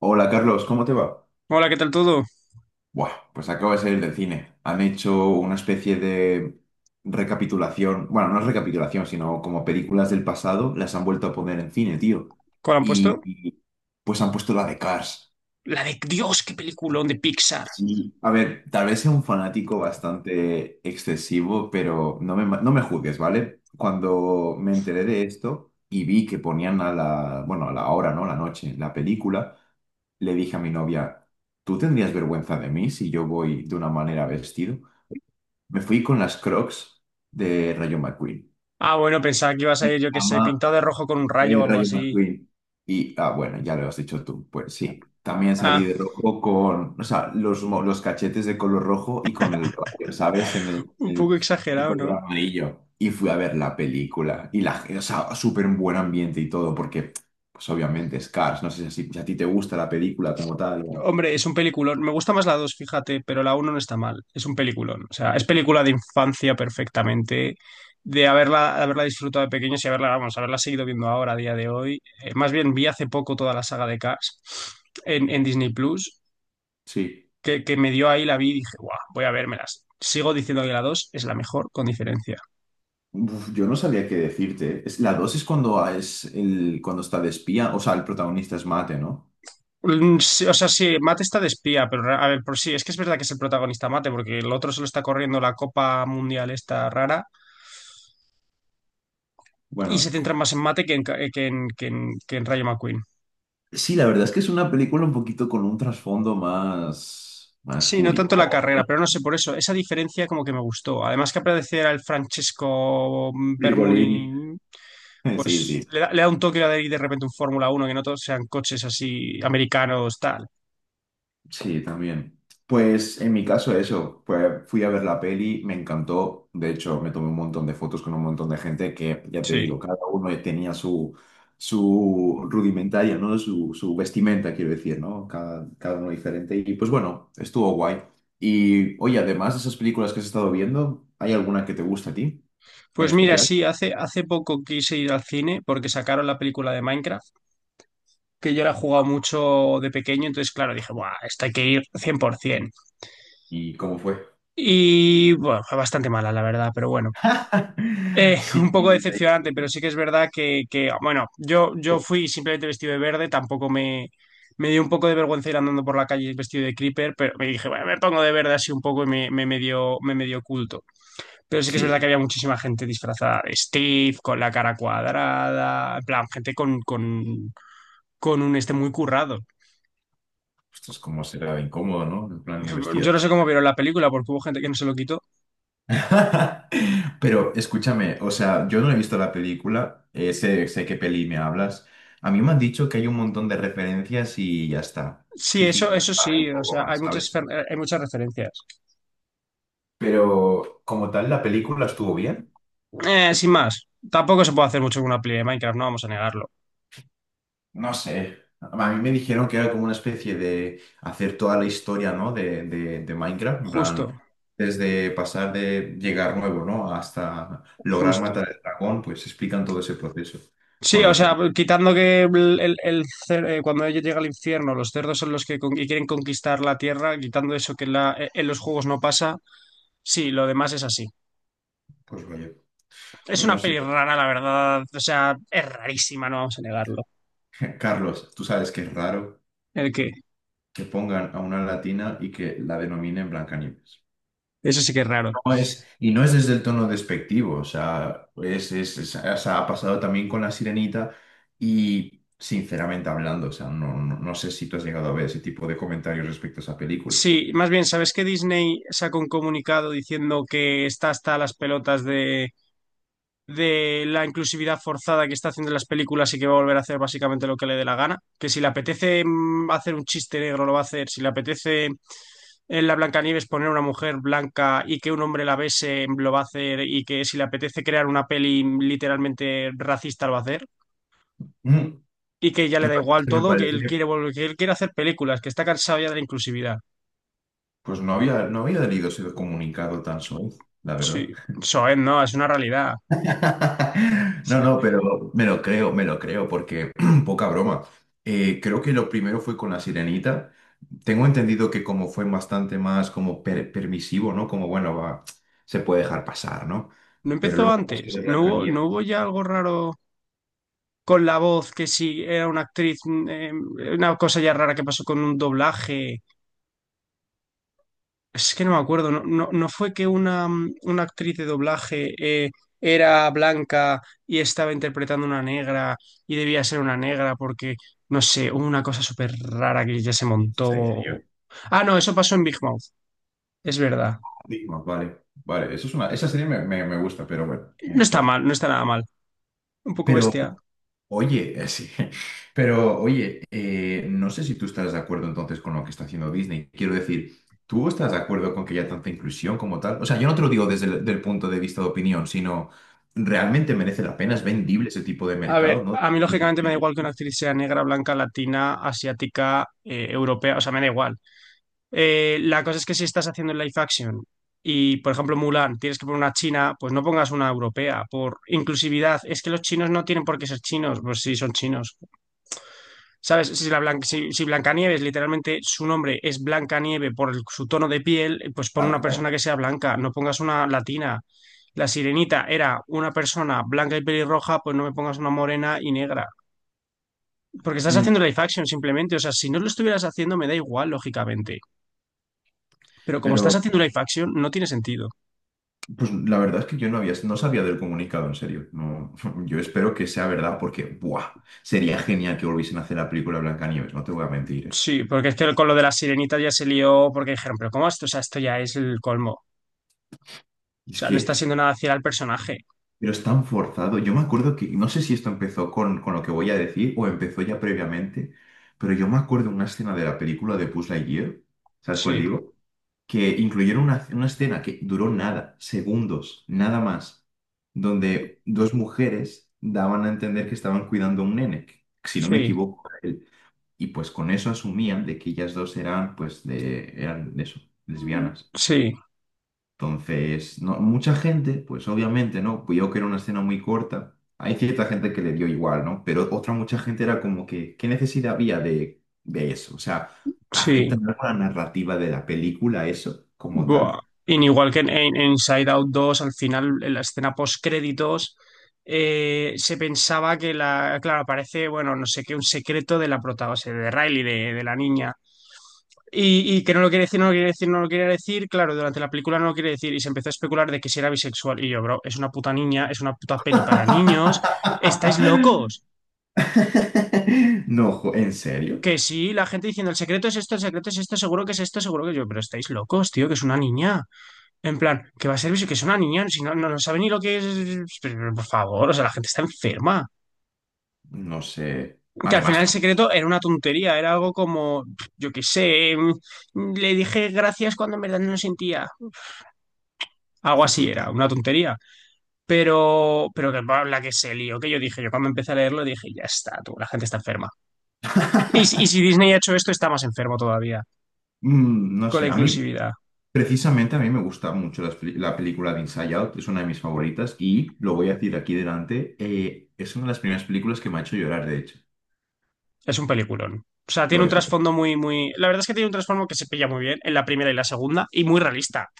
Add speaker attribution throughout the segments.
Speaker 1: Hola Carlos, ¿cómo te va?
Speaker 2: Hola, ¿qué tal todo?
Speaker 1: Buah, pues acabo de salir del cine. Han hecho una especie de recapitulación, bueno, no es recapitulación, sino como películas del pasado, las han vuelto a poner en cine, tío.
Speaker 2: ¿Cuál han
Speaker 1: Y,
Speaker 2: puesto?
Speaker 1: y, pues han puesto la de Cars.
Speaker 2: La de Dios, qué peliculón de Pixar.
Speaker 1: Sí, a ver, tal vez sea un fanático bastante excesivo, pero no me juzgues, ¿vale? Cuando me enteré de esto y vi que ponían a la, bueno, a la hora, ¿no? La noche, la película, le dije a mi novia, ¿tú tendrías vergüenza de mí si yo voy de una manera vestido? Me fui con las Crocs de Rayo McQueen.
Speaker 2: Ah, bueno, pensaba que ibas a ir, yo qué sé,
Speaker 1: Ama
Speaker 2: pintado de rojo con un rayo o algo
Speaker 1: Rayo
Speaker 2: así.
Speaker 1: McQueen. Y, ah, bueno, ya lo has dicho tú. Pues sí, también salí
Speaker 2: Ah,
Speaker 1: de rojo con, o sea, los, los cachetes de color rojo y con el rayo, ¿sabes? En
Speaker 2: un poco
Speaker 1: el
Speaker 2: exagerado,
Speaker 1: color
Speaker 2: ¿no?
Speaker 1: amarillo. Y fui a ver la película. Y o sea, súper en buen ambiente y todo, porque, pues obviamente, Scars no sé si a ti te gusta la película como tal. O-
Speaker 2: Hombre, es un peliculón. Me gusta más la 2, fíjate, pero la uno no está mal. Es un peliculón. O sea, es película de infancia perfectamente, de haberla disfrutado de pequeños y haberla, vamos, haberla seguido viendo ahora, a día de hoy. Más bien, vi hace poco toda la saga de Cars en Disney Plus
Speaker 1: Sí.
Speaker 2: que me dio ahí la vi y dije, guau, voy a vérmelas. Sigo diciendo que la 2 es la mejor, con diferencia.
Speaker 1: Uf, yo no sabía qué decirte. Es, la dos es cuando es el, cuando está de espía, o sea, el protagonista es Mate, ¿no?
Speaker 2: Sí, o sea, sí, Mate está de espía, pero a ver, por sí, es que es verdad que es el protagonista Mate, porque el otro solo está corriendo la Copa Mundial esta rara y se
Speaker 1: Bueno.
Speaker 2: centra más en Mate que en, que en, que en Rayo McQueen.
Speaker 1: Sí, la verdad es que es una película un poquito con un trasfondo más, más
Speaker 2: Sí, no tanto la carrera,
Speaker 1: curioso.
Speaker 2: pero no sé, por eso, esa diferencia como que me gustó. Además que apareciera el Francesco
Speaker 1: Virgolini.
Speaker 2: Bermulin,
Speaker 1: Sí, sí.
Speaker 2: pues le da un toque de repente un Fórmula uno que no todos sean coches así americanos, tal.
Speaker 1: Sí, también. Pues en mi caso eso, pues fui a ver la peli, me encantó, de hecho me tomé un montón de fotos con un montón de gente que, ya te
Speaker 2: Sí.
Speaker 1: digo, cada uno tenía su, su rudimentaria, ¿no? Su vestimenta, quiero decir, ¿no? Cada, cada uno diferente y pues bueno, estuvo guay. Y oye, además de esas películas que has estado viendo, ¿hay alguna que te gusta a ti en
Speaker 2: Pues mira,
Speaker 1: especial?
Speaker 2: sí, hace poco quise ir al cine porque sacaron la película de Minecraft, que yo la he jugado mucho de pequeño, entonces claro, dije, ¡buah! Esta hay que ir 100%.
Speaker 1: ¿Y cómo fue?
Speaker 2: Y bueno, fue bastante mala, la verdad, pero bueno.
Speaker 1: Sí,
Speaker 2: Un poco decepcionante, pero sí que es verdad que, bueno, yo fui simplemente vestido de verde, tampoco me, me dio un poco de vergüenza ir andando por la calle vestido de creeper, pero me dije, bueno, me pongo de verde así un poco y me medio oculto. Pero sí que es verdad
Speaker 1: sí.
Speaker 2: que había muchísima gente disfrazada de Steve, con la cara cuadrada, en plan, con un este muy currado.
Speaker 1: Esto es como será incómodo, ¿no? En plan ir vestida.
Speaker 2: Yo no sé
Speaker 1: Así,
Speaker 2: cómo
Speaker 1: ¿eh?
Speaker 2: vieron la película, porque hubo gente que no se lo quitó.
Speaker 1: Pero escúchame, o sea, yo no he visto la película, sé, sé qué peli me hablas. A mí me han dicho que hay un montón de referencias y ya está.
Speaker 2: Sí,
Speaker 1: Jiji,
Speaker 2: eso
Speaker 1: jaja, y
Speaker 2: sí, o
Speaker 1: poco
Speaker 2: sea, hay
Speaker 1: más,
Speaker 2: muchas,
Speaker 1: ¿sabes?
Speaker 2: hay muchas referencias.
Speaker 1: Pero como tal, la película estuvo bien.
Speaker 2: Sin más, tampoco se puede hacer mucho con una peli de Minecraft, no vamos a negarlo.
Speaker 1: No sé, a mí me dijeron que era como una especie de hacer toda la historia, ¿no? de, de Minecraft, en plan,
Speaker 2: Justo,
Speaker 1: desde pasar de llegar nuevo, ¿no? Hasta lograr
Speaker 2: Justo.
Speaker 1: matar al dragón, pues explican todo ese proceso
Speaker 2: Sí,
Speaker 1: con
Speaker 2: o sea,
Speaker 1: referencia.
Speaker 2: quitando que cuando ella llega al infierno, los cerdos son los que y quieren conquistar la tierra, quitando eso que en los juegos no pasa, sí, lo demás es así.
Speaker 1: Pues vaya,
Speaker 2: Es
Speaker 1: pues no
Speaker 2: una
Speaker 1: sé,
Speaker 2: peli rara, la verdad. O sea, es rarísima, no vamos a negarlo.
Speaker 1: Carlos, tú sabes que es raro
Speaker 2: El que,
Speaker 1: que pongan a una latina y que la denominen Blancanieves.
Speaker 2: eso sí que es raro.
Speaker 1: No y no es desde el tono despectivo, o sea, o sea, ha pasado también con La Sirenita y, sinceramente hablando, o sea, no sé si tú has llegado a ver ese tipo de comentarios respecto a esa película.
Speaker 2: Sí, más bien, ¿sabes que Disney sacó un comunicado diciendo que está hasta las pelotas de la inclusividad forzada que está haciendo en las películas y que va a volver a hacer básicamente lo que le dé la gana? Que si le apetece hacer un chiste negro, lo va a hacer. Si le apetece en la Blancanieves poner una mujer blanca y que un hombre la bese, lo va a hacer. Y que si le apetece crear una peli literalmente racista, lo va a hacer.
Speaker 1: Mm,
Speaker 2: Y que ya le
Speaker 1: la
Speaker 2: da
Speaker 1: verdad es
Speaker 2: igual
Speaker 1: que me
Speaker 2: todo, que él quiere
Speaker 1: parece,
Speaker 2: volver, que él quiere hacer películas, que está cansado ya de la inclusividad.
Speaker 1: pues no había leído ese comunicado tan suave, la verdad.
Speaker 2: Sí, eso es, no, es una realidad.
Speaker 1: No, no, pero me lo creo, porque poca broma. Creo que lo primero fue con la sirenita. Tengo entendido que como fue bastante más como permisivo, ¿no? Como, bueno, va, se puede dejar pasar, ¿no?
Speaker 2: No
Speaker 1: Pero
Speaker 2: empezó
Speaker 1: luego como
Speaker 2: antes,
Speaker 1: de Blancanieves,
Speaker 2: no hubo ya algo raro con la voz, que si era una actriz, una cosa ya rara que pasó con un doblaje. Es que no me acuerdo, no fue que una actriz de doblaje era blanca y estaba interpretando una negra y debía ser una negra porque, no sé, hubo una cosa súper rara que ya se
Speaker 1: en
Speaker 2: montó.
Speaker 1: serio.
Speaker 2: Ah, no, eso pasó en Big Mouth. Es verdad.
Speaker 1: Digo, vale, vale, eso es una, esa serie me gusta, pero bueno,
Speaker 2: No está
Speaker 1: eso.
Speaker 2: mal, no está nada mal. Un poco bestia.
Speaker 1: Oye, sí, pero oye, no sé si tú estás de acuerdo entonces con lo que está haciendo Disney. Quiero decir, ¿tú estás de acuerdo con que haya tanta inclusión como tal? O sea, yo no te lo digo desde el del punto de vista de opinión, sino realmente merece la pena, es vendible ese tipo de
Speaker 2: A
Speaker 1: mercado,
Speaker 2: ver,
Speaker 1: ¿no?
Speaker 2: a mí lógicamente me da
Speaker 1: Inclusión.
Speaker 2: igual que una actriz sea negra, blanca, latina, asiática, europea, o sea, me da igual. La cosa es que si estás haciendo live action y, por ejemplo, Mulan, tienes que poner una china, pues no pongas una europea. Por inclusividad, es que los chinos no tienen por qué ser chinos, pues sí, son chinos. ¿Sabes? Si Blancanieves, literalmente su nombre es Blancanieve por su tono de piel, pues pon una
Speaker 1: Tal cual.
Speaker 2: persona que sea blanca, no pongas una latina. La sirenita era una persona blanca y pelirroja, pues no me pongas una morena y negra. Porque estás haciendo
Speaker 1: Mm,
Speaker 2: live action simplemente. O sea, si no lo estuvieras haciendo, me da igual, lógicamente. Pero como estás
Speaker 1: pero
Speaker 2: haciendo live action, no tiene sentido.
Speaker 1: pues la verdad es que yo no sabía del comunicado, en serio. No, yo espero que sea verdad porque, ¡buah! Sería genial que volviesen a hacer la película de Blancanieves, no te voy a mentir, ¿eh?
Speaker 2: Sí, porque es que con lo de la sirenita ya se lió, porque dijeron, pero ¿cómo esto? O sea, esto ya es el colmo. O
Speaker 1: Es
Speaker 2: sea, no está
Speaker 1: que
Speaker 2: haciendo nada fiel al personaje.
Speaker 1: pero es tan forzado. Yo me acuerdo que, no sé si esto empezó con lo que voy a decir o empezó ya previamente, pero yo me acuerdo una escena de la película de Buzz Lightyear, ¿sabes cuál
Speaker 2: Sí,
Speaker 1: digo? Que incluyeron una escena que duró nada, segundos, nada más, donde dos mujeres daban a entender que estaban cuidando a un nene, que, si no me
Speaker 2: sí,
Speaker 1: equivoco, era él. Y pues con eso asumían de que ellas dos eran, pues, de, eran de eso, lesbianas.
Speaker 2: sí,
Speaker 1: Entonces, no, mucha gente, pues obviamente, ¿no? Vio que era una escena muy corta. Hay cierta gente que le dio igual, ¿no? Pero otra mucha gente era como que, ¿qué necesidad había de eso? O sea,
Speaker 2: sí.
Speaker 1: ¿afecta en algo la narrativa de la película eso como
Speaker 2: Buah.
Speaker 1: tal?
Speaker 2: Y igual que en, en Inside Out 2 al final, en la escena post-créditos, se pensaba que la. Claro, aparece, bueno, no sé qué, un secreto de la prota, o sea, de Riley, de la niña. Y que no lo quiere decir, no lo quiere decir, no lo quiere decir. Claro, durante la película no lo quiere decir. Y se empezó a especular de que si era bisexual. Y yo, bro, es una puta niña, es una puta peli para niños. ¿Estáis locos?
Speaker 1: No, jo- ¿en serio?
Speaker 2: Que sí, la gente diciendo el secreto es esto, el secreto es esto, seguro que es esto, seguro que yo. Pero estáis locos, tío, que es una niña. En plan, que va a ser eso, que es una niña, si no, no sabe ni lo que es. Por favor, o sea, la gente está enferma.
Speaker 1: No sé.
Speaker 2: Que al
Speaker 1: Además,
Speaker 2: final el
Speaker 1: tengo-
Speaker 2: secreto era una tontería, era algo como, yo qué sé, le dije gracias cuando en verdad no lo sentía. Algo así
Speaker 1: pues,
Speaker 2: era, una tontería. Pero que va, la que se lió, que yo dije, yo cuando empecé a leerlo dije, ya está, tú, la gente está enferma. Y, y si Disney ha hecho esto, está más enfermo todavía,
Speaker 1: mm, no
Speaker 2: con la
Speaker 1: sé, a mí
Speaker 2: inclusividad.
Speaker 1: precisamente a mí me gusta mucho las película de Inside Out, es una de mis favoritas y lo voy a decir aquí delante, es una de las primeras películas que me ha hecho llorar, de hecho.
Speaker 2: Es un peliculón. O sea, tiene
Speaker 1: Lo
Speaker 2: un
Speaker 1: es. Lo es.
Speaker 2: trasfondo muy, muy. La verdad es que tiene un trasfondo que se pilla muy bien en la primera y la segunda, y muy realista.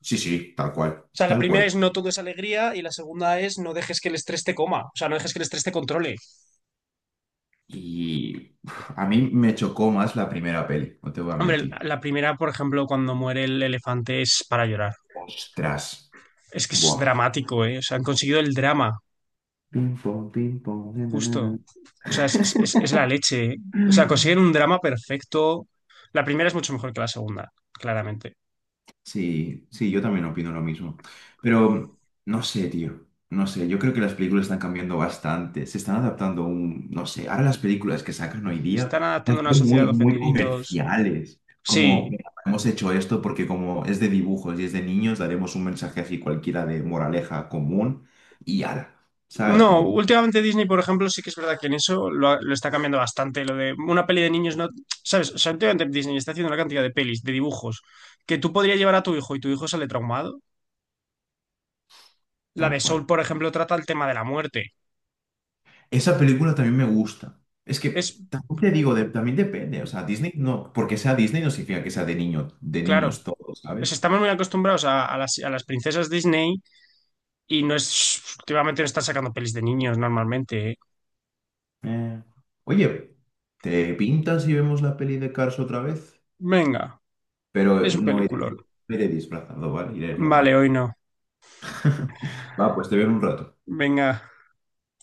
Speaker 1: Sí, sí, tal cual,
Speaker 2: O sea, la
Speaker 1: tal
Speaker 2: primera
Speaker 1: cual.
Speaker 2: es no todo es alegría y la segunda es no dejes que el estrés te coma, o sea, no dejes que el estrés te controle.
Speaker 1: Y uf, a mí me chocó más la primera peli, no te voy a
Speaker 2: Hombre,
Speaker 1: mentir.
Speaker 2: la primera, por ejemplo, cuando muere el elefante es para llorar.
Speaker 1: Ostras.
Speaker 2: Es que es
Speaker 1: Buah.
Speaker 2: dramático, ¿eh? O sea, han conseguido el drama,
Speaker 1: Pim, pom, na, na,
Speaker 2: justo.
Speaker 1: na,
Speaker 2: O sea, es la leche. O
Speaker 1: na.
Speaker 2: sea, consiguen un drama perfecto. La primera es mucho mejor que la segunda, claramente.
Speaker 1: Sí, sí, yo también opino lo mismo. Pero no sé, tío. No sé, yo creo que las películas están cambiando bastante. Se están adaptando a un, no sé, ahora las películas que sacan hoy día
Speaker 2: Están
Speaker 1: las
Speaker 2: adaptando a una
Speaker 1: veo
Speaker 2: sociedad
Speaker 1: muy,
Speaker 2: de
Speaker 1: muy
Speaker 2: ofendiditos.
Speaker 1: comerciales. Como
Speaker 2: Sí,
Speaker 1: "Mira, hemos hecho esto porque como es de dibujos y es de niños, daremos un mensaje así cualquiera de moraleja común y ala, ¿sabes?
Speaker 2: no,
Speaker 1: Como
Speaker 2: últimamente Disney, por ejemplo, sí que es verdad que en eso lo está cambiando bastante. Lo de una peli de niños, no, ¿sabes? O sea, últimamente Disney está haciendo una cantidad de pelis, de dibujos, que tú podrías llevar a tu hijo y tu hijo sale traumado. La de
Speaker 1: tal
Speaker 2: Soul,
Speaker 1: cual.
Speaker 2: por ejemplo, trata el tema de la muerte.
Speaker 1: Esa película también me gusta. Es que
Speaker 2: Es,
Speaker 1: también te digo, de- también depende. O sea, Disney no, porque sea Disney no significa que sea de niño, de
Speaker 2: claro,
Speaker 1: niños todos,
Speaker 2: pues
Speaker 1: ¿sabes?
Speaker 2: estamos muy acostumbrados a, a las princesas Disney y no es, últimamente no están sacando pelis de niños normalmente, ¿eh?
Speaker 1: Eh, Oye, ¿te pintas y vemos la peli de Cars otra vez?
Speaker 2: Venga,
Speaker 1: Pero
Speaker 2: es un
Speaker 1: no iré,
Speaker 2: peliculón.
Speaker 1: no iré disfrazado, ¿vale? Iré
Speaker 2: Vale,
Speaker 1: normal.
Speaker 2: hoy no.
Speaker 1: Va, pues te veo en un rato.
Speaker 2: Venga.